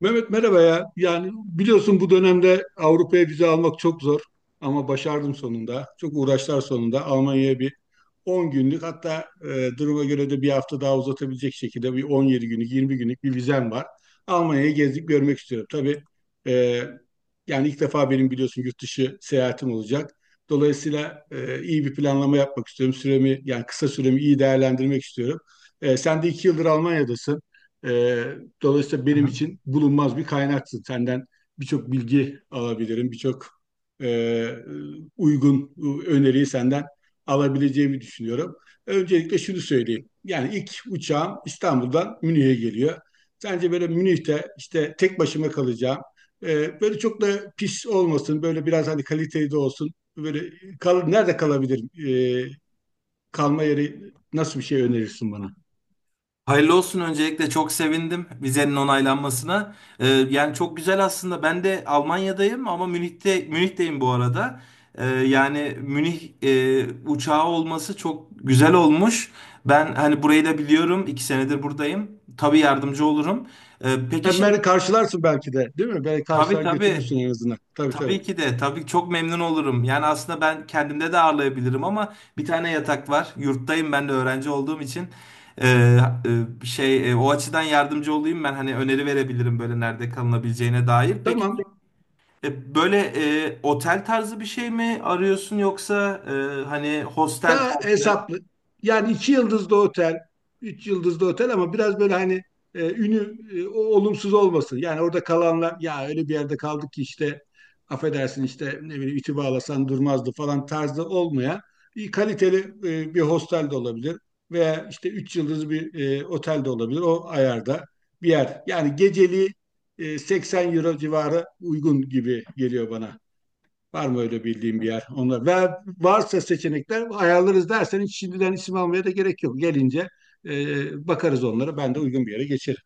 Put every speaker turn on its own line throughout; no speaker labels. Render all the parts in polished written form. Mehmet merhaba ya. Yani biliyorsun bu dönemde Avrupa'ya vize almak çok zor ama başardım sonunda. Çok uğraşlar sonunda Almanya'ya bir 10 günlük, hatta duruma göre de bir hafta daha uzatabilecek şekilde bir 17 günlük 20 günlük bir vizem var. Almanya'yı gezip görmek istiyorum. Tabii e, yani ilk defa benim biliyorsun yurt dışı seyahatim olacak. Dolayısıyla iyi bir planlama yapmak istiyorum. Süremi, yani kısa süremi iyi değerlendirmek istiyorum. Sen de iki yıldır Almanya'dasın. E, dolayısıyla
Hı
benim
hı.
için bulunmaz bir kaynaksın. Senden birçok bilgi alabilirim, birçok e, uygun öneriyi senden alabileceğimi düşünüyorum. Öncelikle şunu söyleyeyim. Yani ilk uçağım İstanbul'dan Münih'e geliyor. Sence böyle Münih'te işte tek başıma kalacağım. Böyle çok da pis olmasın. Böyle biraz hani kaliteli de olsun. Böyle nerede kalabilirim? Ee, kalma yeri, nasıl bir şey önerirsin bana?
Hayırlı olsun öncelikle, çok sevindim vizenin onaylanmasına. Yani çok güzel aslında. Ben de Almanya'dayım ama Münih'teyim bu arada. Yani Münih uçağı olması çok güzel olmuş. Ben hani burayı da biliyorum. 2 senedir buradayım. Tabii yardımcı olurum. Peki
Hem beni karşılarsın belki de, değil mi? Beni
tabii
karşılar götürürsün
tabii
en azından. Tabii tabii.
tabii ki de, tabii ki çok memnun olurum. Yani aslında ben kendimde de ağırlayabilirim ama bir tane yatak var. Yurttayım ben de, öğrenci olduğum için. Ee, O açıdan yardımcı olayım, ben hani öneri verebilirim böyle nerede kalınabileceğine dair. Peki,
Tamam.
böyle otel tarzı bir şey mi arıyorsun, yoksa hani hostel?
Daha hesaplı. Yani iki yıldızlı otel, üç yıldızlı otel, ama biraz böyle hani ünü olumsuz olmasın. Yani orada kalanlar, ya öyle bir yerde kaldık ki işte, affedersin, işte ne bileyim iti bağlasan durmazdı falan tarzı olmayan, bir kaliteli bir hostel de olabilir, veya işte üç yıldızlı bir otel de olabilir, o ayarda bir yer. Yani geceliği 80 euro civarı uygun gibi geliyor bana. Var mı öyle bildiğim bir yer? Onlar ve varsa seçenekler ayarlarız derseniz, şimdiden isim almaya da gerek yok. Gelince bakarız onlara. Ben de uygun bir yere geçerim.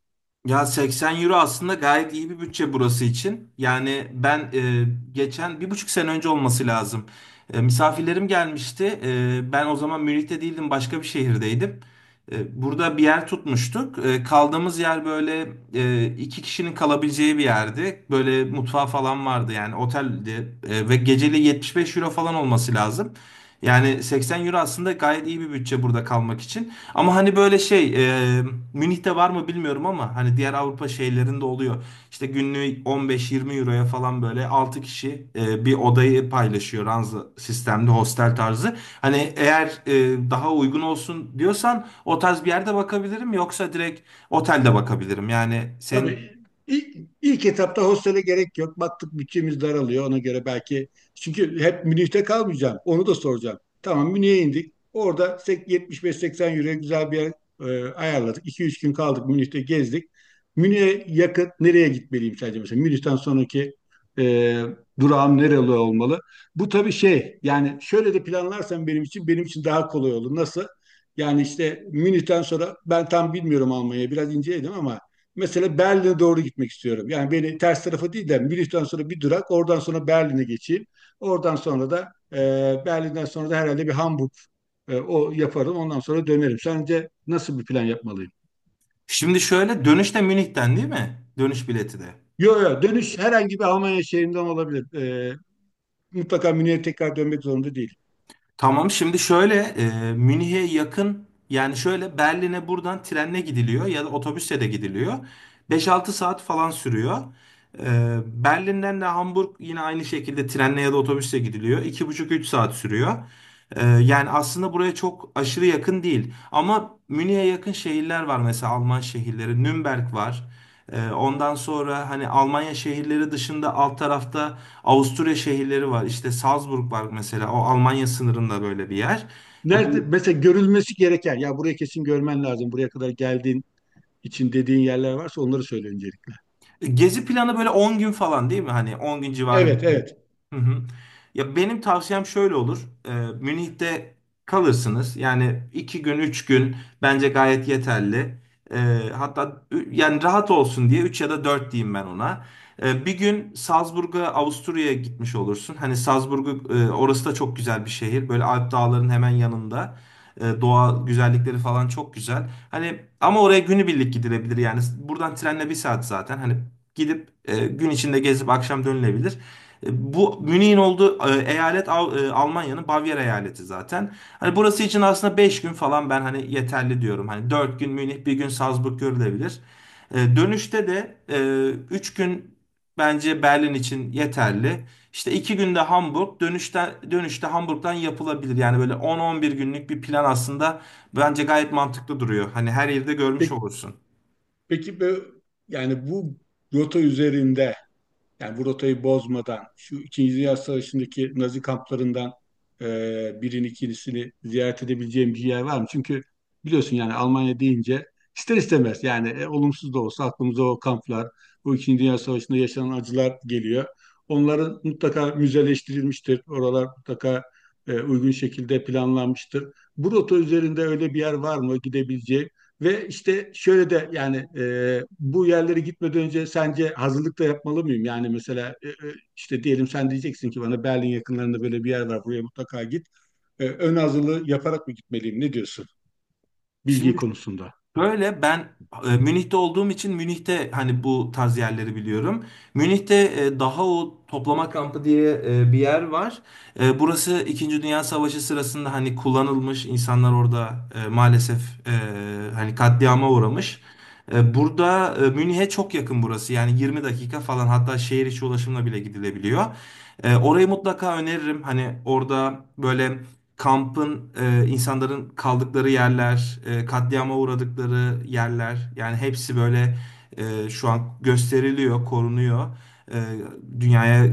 Ya, 80 euro aslında gayet iyi bir bütçe burası için. Yani ben geçen 1,5 sene önce olması lazım, misafirlerim gelmişti. Ben o zaman Münih'te değildim, başka bir şehirdeydim. Burada bir yer tutmuştuk. Kaldığımız yer böyle iki kişinin kalabileceği bir yerdi. Böyle mutfağı falan vardı, yani oteldi. Ve geceli 75 euro falan olması lazım. Yani 80 euro aslında gayet iyi bir bütçe burada kalmak için. Ama hani böyle e, Münih'te var mı bilmiyorum ama hani diğer Avrupa şehirlerinde oluyor. İşte günlüğü 15-20 euroya falan, böyle 6 kişi bir odayı paylaşıyor, ranza sistemli hostel tarzı. Hani eğer daha uygun olsun diyorsan, o tarz bir yerde bakabilirim, yoksa direkt otelde bakabilirim. Yani senin,
Tabii ilk etapta hostele gerek yok. Baktık bütçemiz daralıyor, ona göre belki. Çünkü hep Münih'te kalmayacağım. Onu da soracağım. Tamam, Münih'e indik. Orada 75-80 euro güzel bir yer ayarladık. 2 üç gün kaldık, Münih'te gezdik. Münih'e yakın nereye gitmeliyim sence mesela? Münih'ten sonraki e, durağım nereli olmalı? Bu tabii şey, yani şöyle de planlarsan benim için daha kolay olur. Nasıl? Yani işte Münih'ten sonra ben tam bilmiyorum, Almanya'yı biraz inceledim ama mesela Berlin'e doğru gitmek istiyorum. Yani beni ters tarafa değil de Münih'ten sonra bir durak, oradan sonra Berlin'e geçeyim. Oradan sonra da Berlin'den sonra da herhalde bir Hamburg o yaparım. Ondan sonra dönerim. Sence nasıl bir plan yapmalıyım?
şimdi şöyle, dönüşte Münih'ten değil mi? Dönüş bileti de.
Yok yok, dönüş herhangi bir Almanya şehrinden olabilir. E, mutlaka Münih'e tekrar dönmek zorunda değil.
Tamam, şimdi şöyle, Münih'e yakın, yani şöyle Berlin'e buradan trenle gidiliyor ya da otobüsle de gidiliyor. 5-6 saat falan sürüyor. Berlin'den de Hamburg yine aynı şekilde trenle ya da otobüsle gidiliyor. 2,5-3 saat sürüyor. Yani aslında buraya çok aşırı yakın değil. Ama Münih'e yakın şehirler var, mesela Alman şehirleri. Nürnberg var. Ondan sonra hani Almanya şehirleri dışında alt tarafta Avusturya şehirleri var. İşte Salzburg var mesela. O Almanya sınırında böyle bir yer.
Nerede
Bu
mesela görülmesi gereken, ya buraya kesin görmen lazım, buraya kadar geldiğin için dediğin yerler varsa onları söyle öncelikle.
Gezi planı böyle 10 gün falan değil mi? Hani 10 gün civarı
Evet
bir şey.
evet.
Hı hı. Ya benim tavsiyem şöyle olur. Ee, Münih'te kalırsınız. Yani 2 gün 3 gün bence gayet yeterli. Hatta yani rahat olsun diye 3 ya da 4 diyeyim ben ona. 1 gün Salzburg'a, Avusturya'ya gitmiş olursun. Hani Salzburg'u, orası da çok güzel bir şehir. Böyle Alp dağların hemen yanında. Doğa güzellikleri falan çok güzel. Hani ama oraya günübirlik gidilebilir yani. Buradan trenle 1 saat zaten. Hani gidip gün içinde gezip akşam dönülebilir. Bu Münih'in olduğu eyalet, Almanya'nın Bavyera eyaleti zaten. Hani burası için aslında 5 gün falan ben hani yeterli diyorum. Hani 4 gün Münih, 1 gün Salzburg görülebilir. Dönüşte de 3 gün bence Berlin için yeterli. İşte 2 günde Hamburg, dönüşte Hamburg'dan yapılabilir. Yani böyle 10-11 günlük bir plan aslında bence gayet mantıklı duruyor. Hani her yerde görmüş
Peki,
olursun.
peki bu- yani bu rota üzerinde, yani bu rotayı bozmadan şu İkinci Dünya Savaşı'ndaki Nazi kamplarından e, birini, ikincisini ziyaret edebileceğim bir yer var mı? Çünkü biliyorsun yani Almanya deyince ister istemez, yani olumsuz da olsa aklımıza o kamplar, bu İkinci Dünya Savaşı'nda yaşanan acılar geliyor. Onların mutlaka müzeleştirilmiştir. Oralar mutlaka uygun şekilde planlanmıştır. Bu rota üzerinde öyle bir yer var mı gidebileceğim? Ve işte şöyle de, yani bu yerlere gitmeden önce sence hazırlık da yapmalı mıyım? Yani mesela işte diyelim sen diyeceksin ki bana, Berlin yakınlarında böyle bir yer var, buraya mutlaka git. Ön hazırlığı yaparak mı gitmeliyim? Ne diyorsun bilgi konusunda?
Böyle ben Münih'te olduğum için Münih'te hani bu tarz yerleri biliyorum. Münih'te daha o toplama kampı diye bir yer var. Burası İkinci Dünya Savaşı sırasında hani kullanılmış, insanlar orada maalesef e, hani katliama uğramış. Burada Münih'e çok yakın burası, yani 20 dakika falan, hatta şehir içi ulaşımla bile gidilebiliyor. Orayı mutlaka öneririm. Hani orada böyle kampın, insanların kaldıkları yerler, katliama uğradıkları yerler, yani hepsi böyle şu an gösteriliyor, korunuyor. E, Dünyaya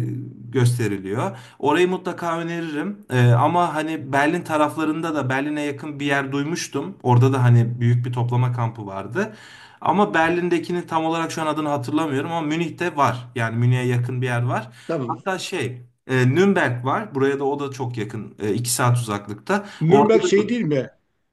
gösteriliyor. Orayı mutlaka öneririm. Ama hani Berlin taraflarında da, Berlin'e yakın bir yer duymuştum. Orada da hani büyük bir toplama kampı vardı. Ama Berlin'dekinin tam olarak şu an adını hatırlamıyorum, ama Münih'te var. Yani Münih'e yakın bir yer var.
Tamam.
Hatta Nürnberg var. Buraya da, o da çok yakın. 2 saat uzaklıkta. Orada
Nürnberg
da
şey değil mi?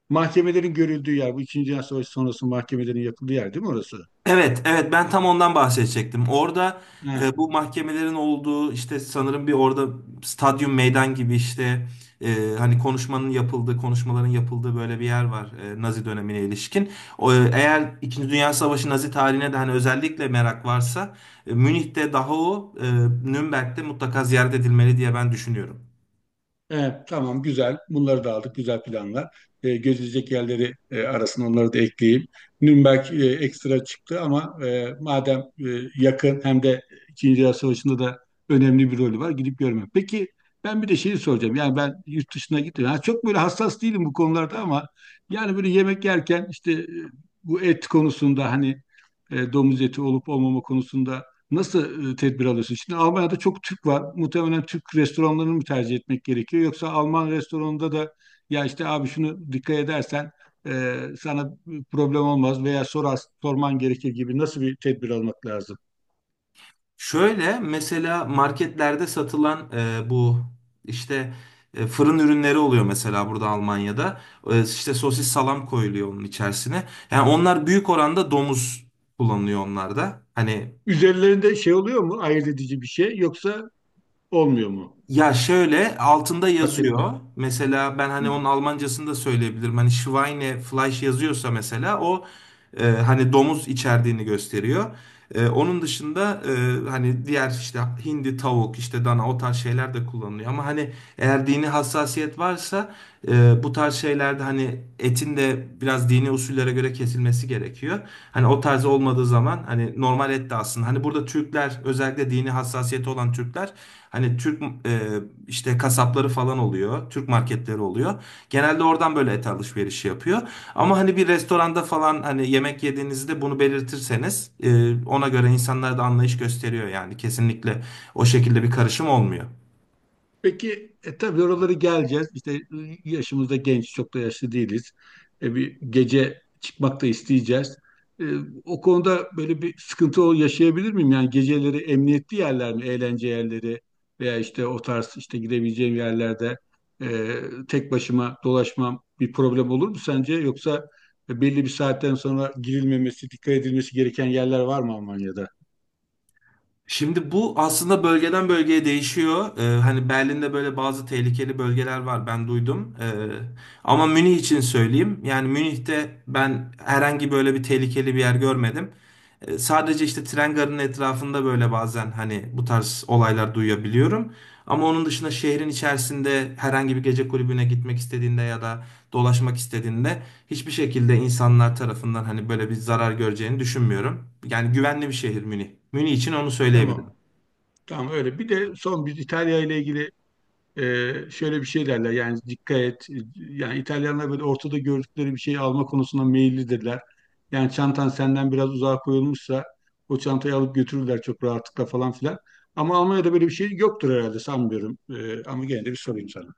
Mahkemelerin görüldüğü yer. Bu İkinci Dünya Savaşı sonrası mahkemelerin yapıldığı yer değil mi orası?
evet, evet, ben tam ondan bahsedecektim. Orada
He.
bu mahkemelerin olduğu, işte sanırım bir orada stadyum meydan gibi, işte hani konuşmanın yapıldığı konuşmaların yapıldığı böyle bir yer var, Nazi dönemine ilişkin. Eğer İkinci Dünya Savaşı, Nazi tarihine de hani özellikle merak varsa, Münih'te Dachau, Nürnberg'de mutlaka ziyaret edilmeli diye ben düşünüyorum.
Evet, tamam, güzel. Bunları da aldık. Güzel planlar. Gözülecek yerleri arasına onları da ekleyeyim. Nürnberg ekstra çıktı ama madem yakın, hem de İkinci Dünya Savaşı'nda da önemli bir rolü var. Gidip görmek. Peki, ben bir de şeyi soracağım. Yani ben yurt dışına gittim. Ha, çok böyle hassas değilim bu konularda ama yani böyle yemek yerken işte bu et konusunda, hani domuz eti olup olmama konusunda nasıl tedbir alıyorsun? Şimdi Almanya'da çok Türk var. Muhtemelen Türk restoranlarını mı tercih etmek gerekiyor? Yoksa Alman restoranında da, ya işte abi şunu dikkat edersen sana problem olmaz veya sorar, sorman gerekir gibi, nasıl bir tedbir almak lazım?
Şöyle, mesela marketlerde satılan bu işte fırın ürünleri oluyor mesela burada Almanya'da. İşte sosis salam koyuluyor onun içerisine. Yani onlar büyük oranda domuz kullanılıyor onlarda. Hani,
Üzerlerinde şey oluyor mu? Ayırt edici bir şey yoksa olmuyor mu?
ya şöyle altında
Paketli.
yazıyor. Mesela ben
Hı.
hani onun Almancasını da söyleyebilirim. Hani Schweine Fleisch yazıyorsa mesela o, hani domuz içerdiğini gösteriyor. Onun dışında, hani diğer işte hindi, tavuk, işte dana, o tarz şeyler de kullanılıyor. Ama hani eğer dini hassasiyet varsa, bu tarz şeylerde hani etin de biraz dini usullere göre kesilmesi gerekiyor. Hani o tarz olmadığı zaman hani normal et de aslında. Hani burada Türkler, özellikle dini hassasiyeti olan Türkler, hani Türk işte kasapları falan oluyor. Türk marketleri oluyor. Genelde oradan böyle et alışverişi yapıyor. Ama hani bir restoranda falan hani yemek yediğinizde bunu belirtirseniz, ona göre insanlar da anlayış gösteriyor yani. Kesinlikle o şekilde bir karışım olmuyor.
Peki tabii oraları geleceğiz. İşte yaşımız da genç, çok da yaşlı değiliz. Bir gece çıkmak da isteyeceğiz. E, o konuda böyle bir sıkıntı yaşayabilir miyim? Yani geceleri emniyetli yerler mi, eğlence yerleri veya işte o tarz işte gidebileceğim yerlerde e, tek başıma dolaşmam bir problem olur mu sence? Yoksa belli bir saatten sonra girilmemesi, dikkat edilmesi gereken yerler var mı Almanya'da?
Şimdi bu aslında bölgeden bölgeye değişiyor. Hani Berlin'de böyle bazı tehlikeli bölgeler var, ben duydum. Ama Münih için söyleyeyim. Yani Münih'te ben herhangi böyle bir tehlikeli bir yer görmedim. Sadece işte tren garının etrafında böyle bazen hani bu tarz olaylar duyabiliyorum. Ama onun dışında şehrin içerisinde herhangi bir gece kulübüne gitmek istediğinde ya da dolaşmak istediğinde, hiçbir şekilde insanlar tarafından hani böyle bir zarar göreceğini düşünmüyorum. Yani güvenli bir şehir Münih. Münih için onu söyleyebilirim.
Tamam. Tamam öyle. Bir de son bir İtalya ile ilgili. Şöyle bir şey derler, yani dikkat et. Yani İtalyanlar böyle ortada gördükleri bir şeyi alma konusunda meyillidirler. Yani çantan senden biraz uzağa koyulmuşsa o çantayı alıp götürürler çok rahatlıkla falan filan. Ama Almanya'da böyle bir şey yoktur herhalde, sanmıyorum. Ama gene de bir sorayım sana.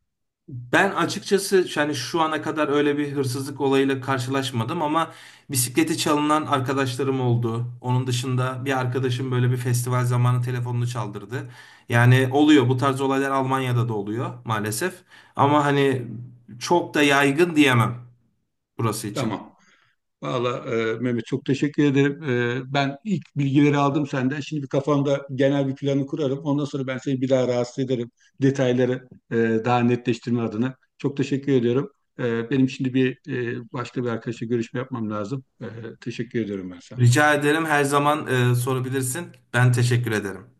Ben açıkçası yani şu ana kadar öyle bir hırsızlık olayıyla karşılaşmadım, ama bisikleti çalınan arkadaşlarım oldu. Onun dışında bir arkadaşım böyle bir festival zamanı telefonunu çaldırdı. Yani oluyor, bu tarz olaylar Almanya'da da oluyor maalesef. Ama hani çok da yaygın diyemem burası için.
Tamam. Valla Mehmet, çok teşekkür ederim. Ben ilk bilgileri aldım senden. Şimdi bir kafamda genel bir planı kurarım. Ondan sonra ben seni bir daha rahatsız ederim. Detayları daha netleştirme adına. Çok teşekkür ediyorum. Benim şimdi bir başka bir arkadaşla görüşme yapmam lazım. Teşekkür ediyorum ben sana.
Rica ederim, her zaman sorabilirsin. Ben teşekkür ederim.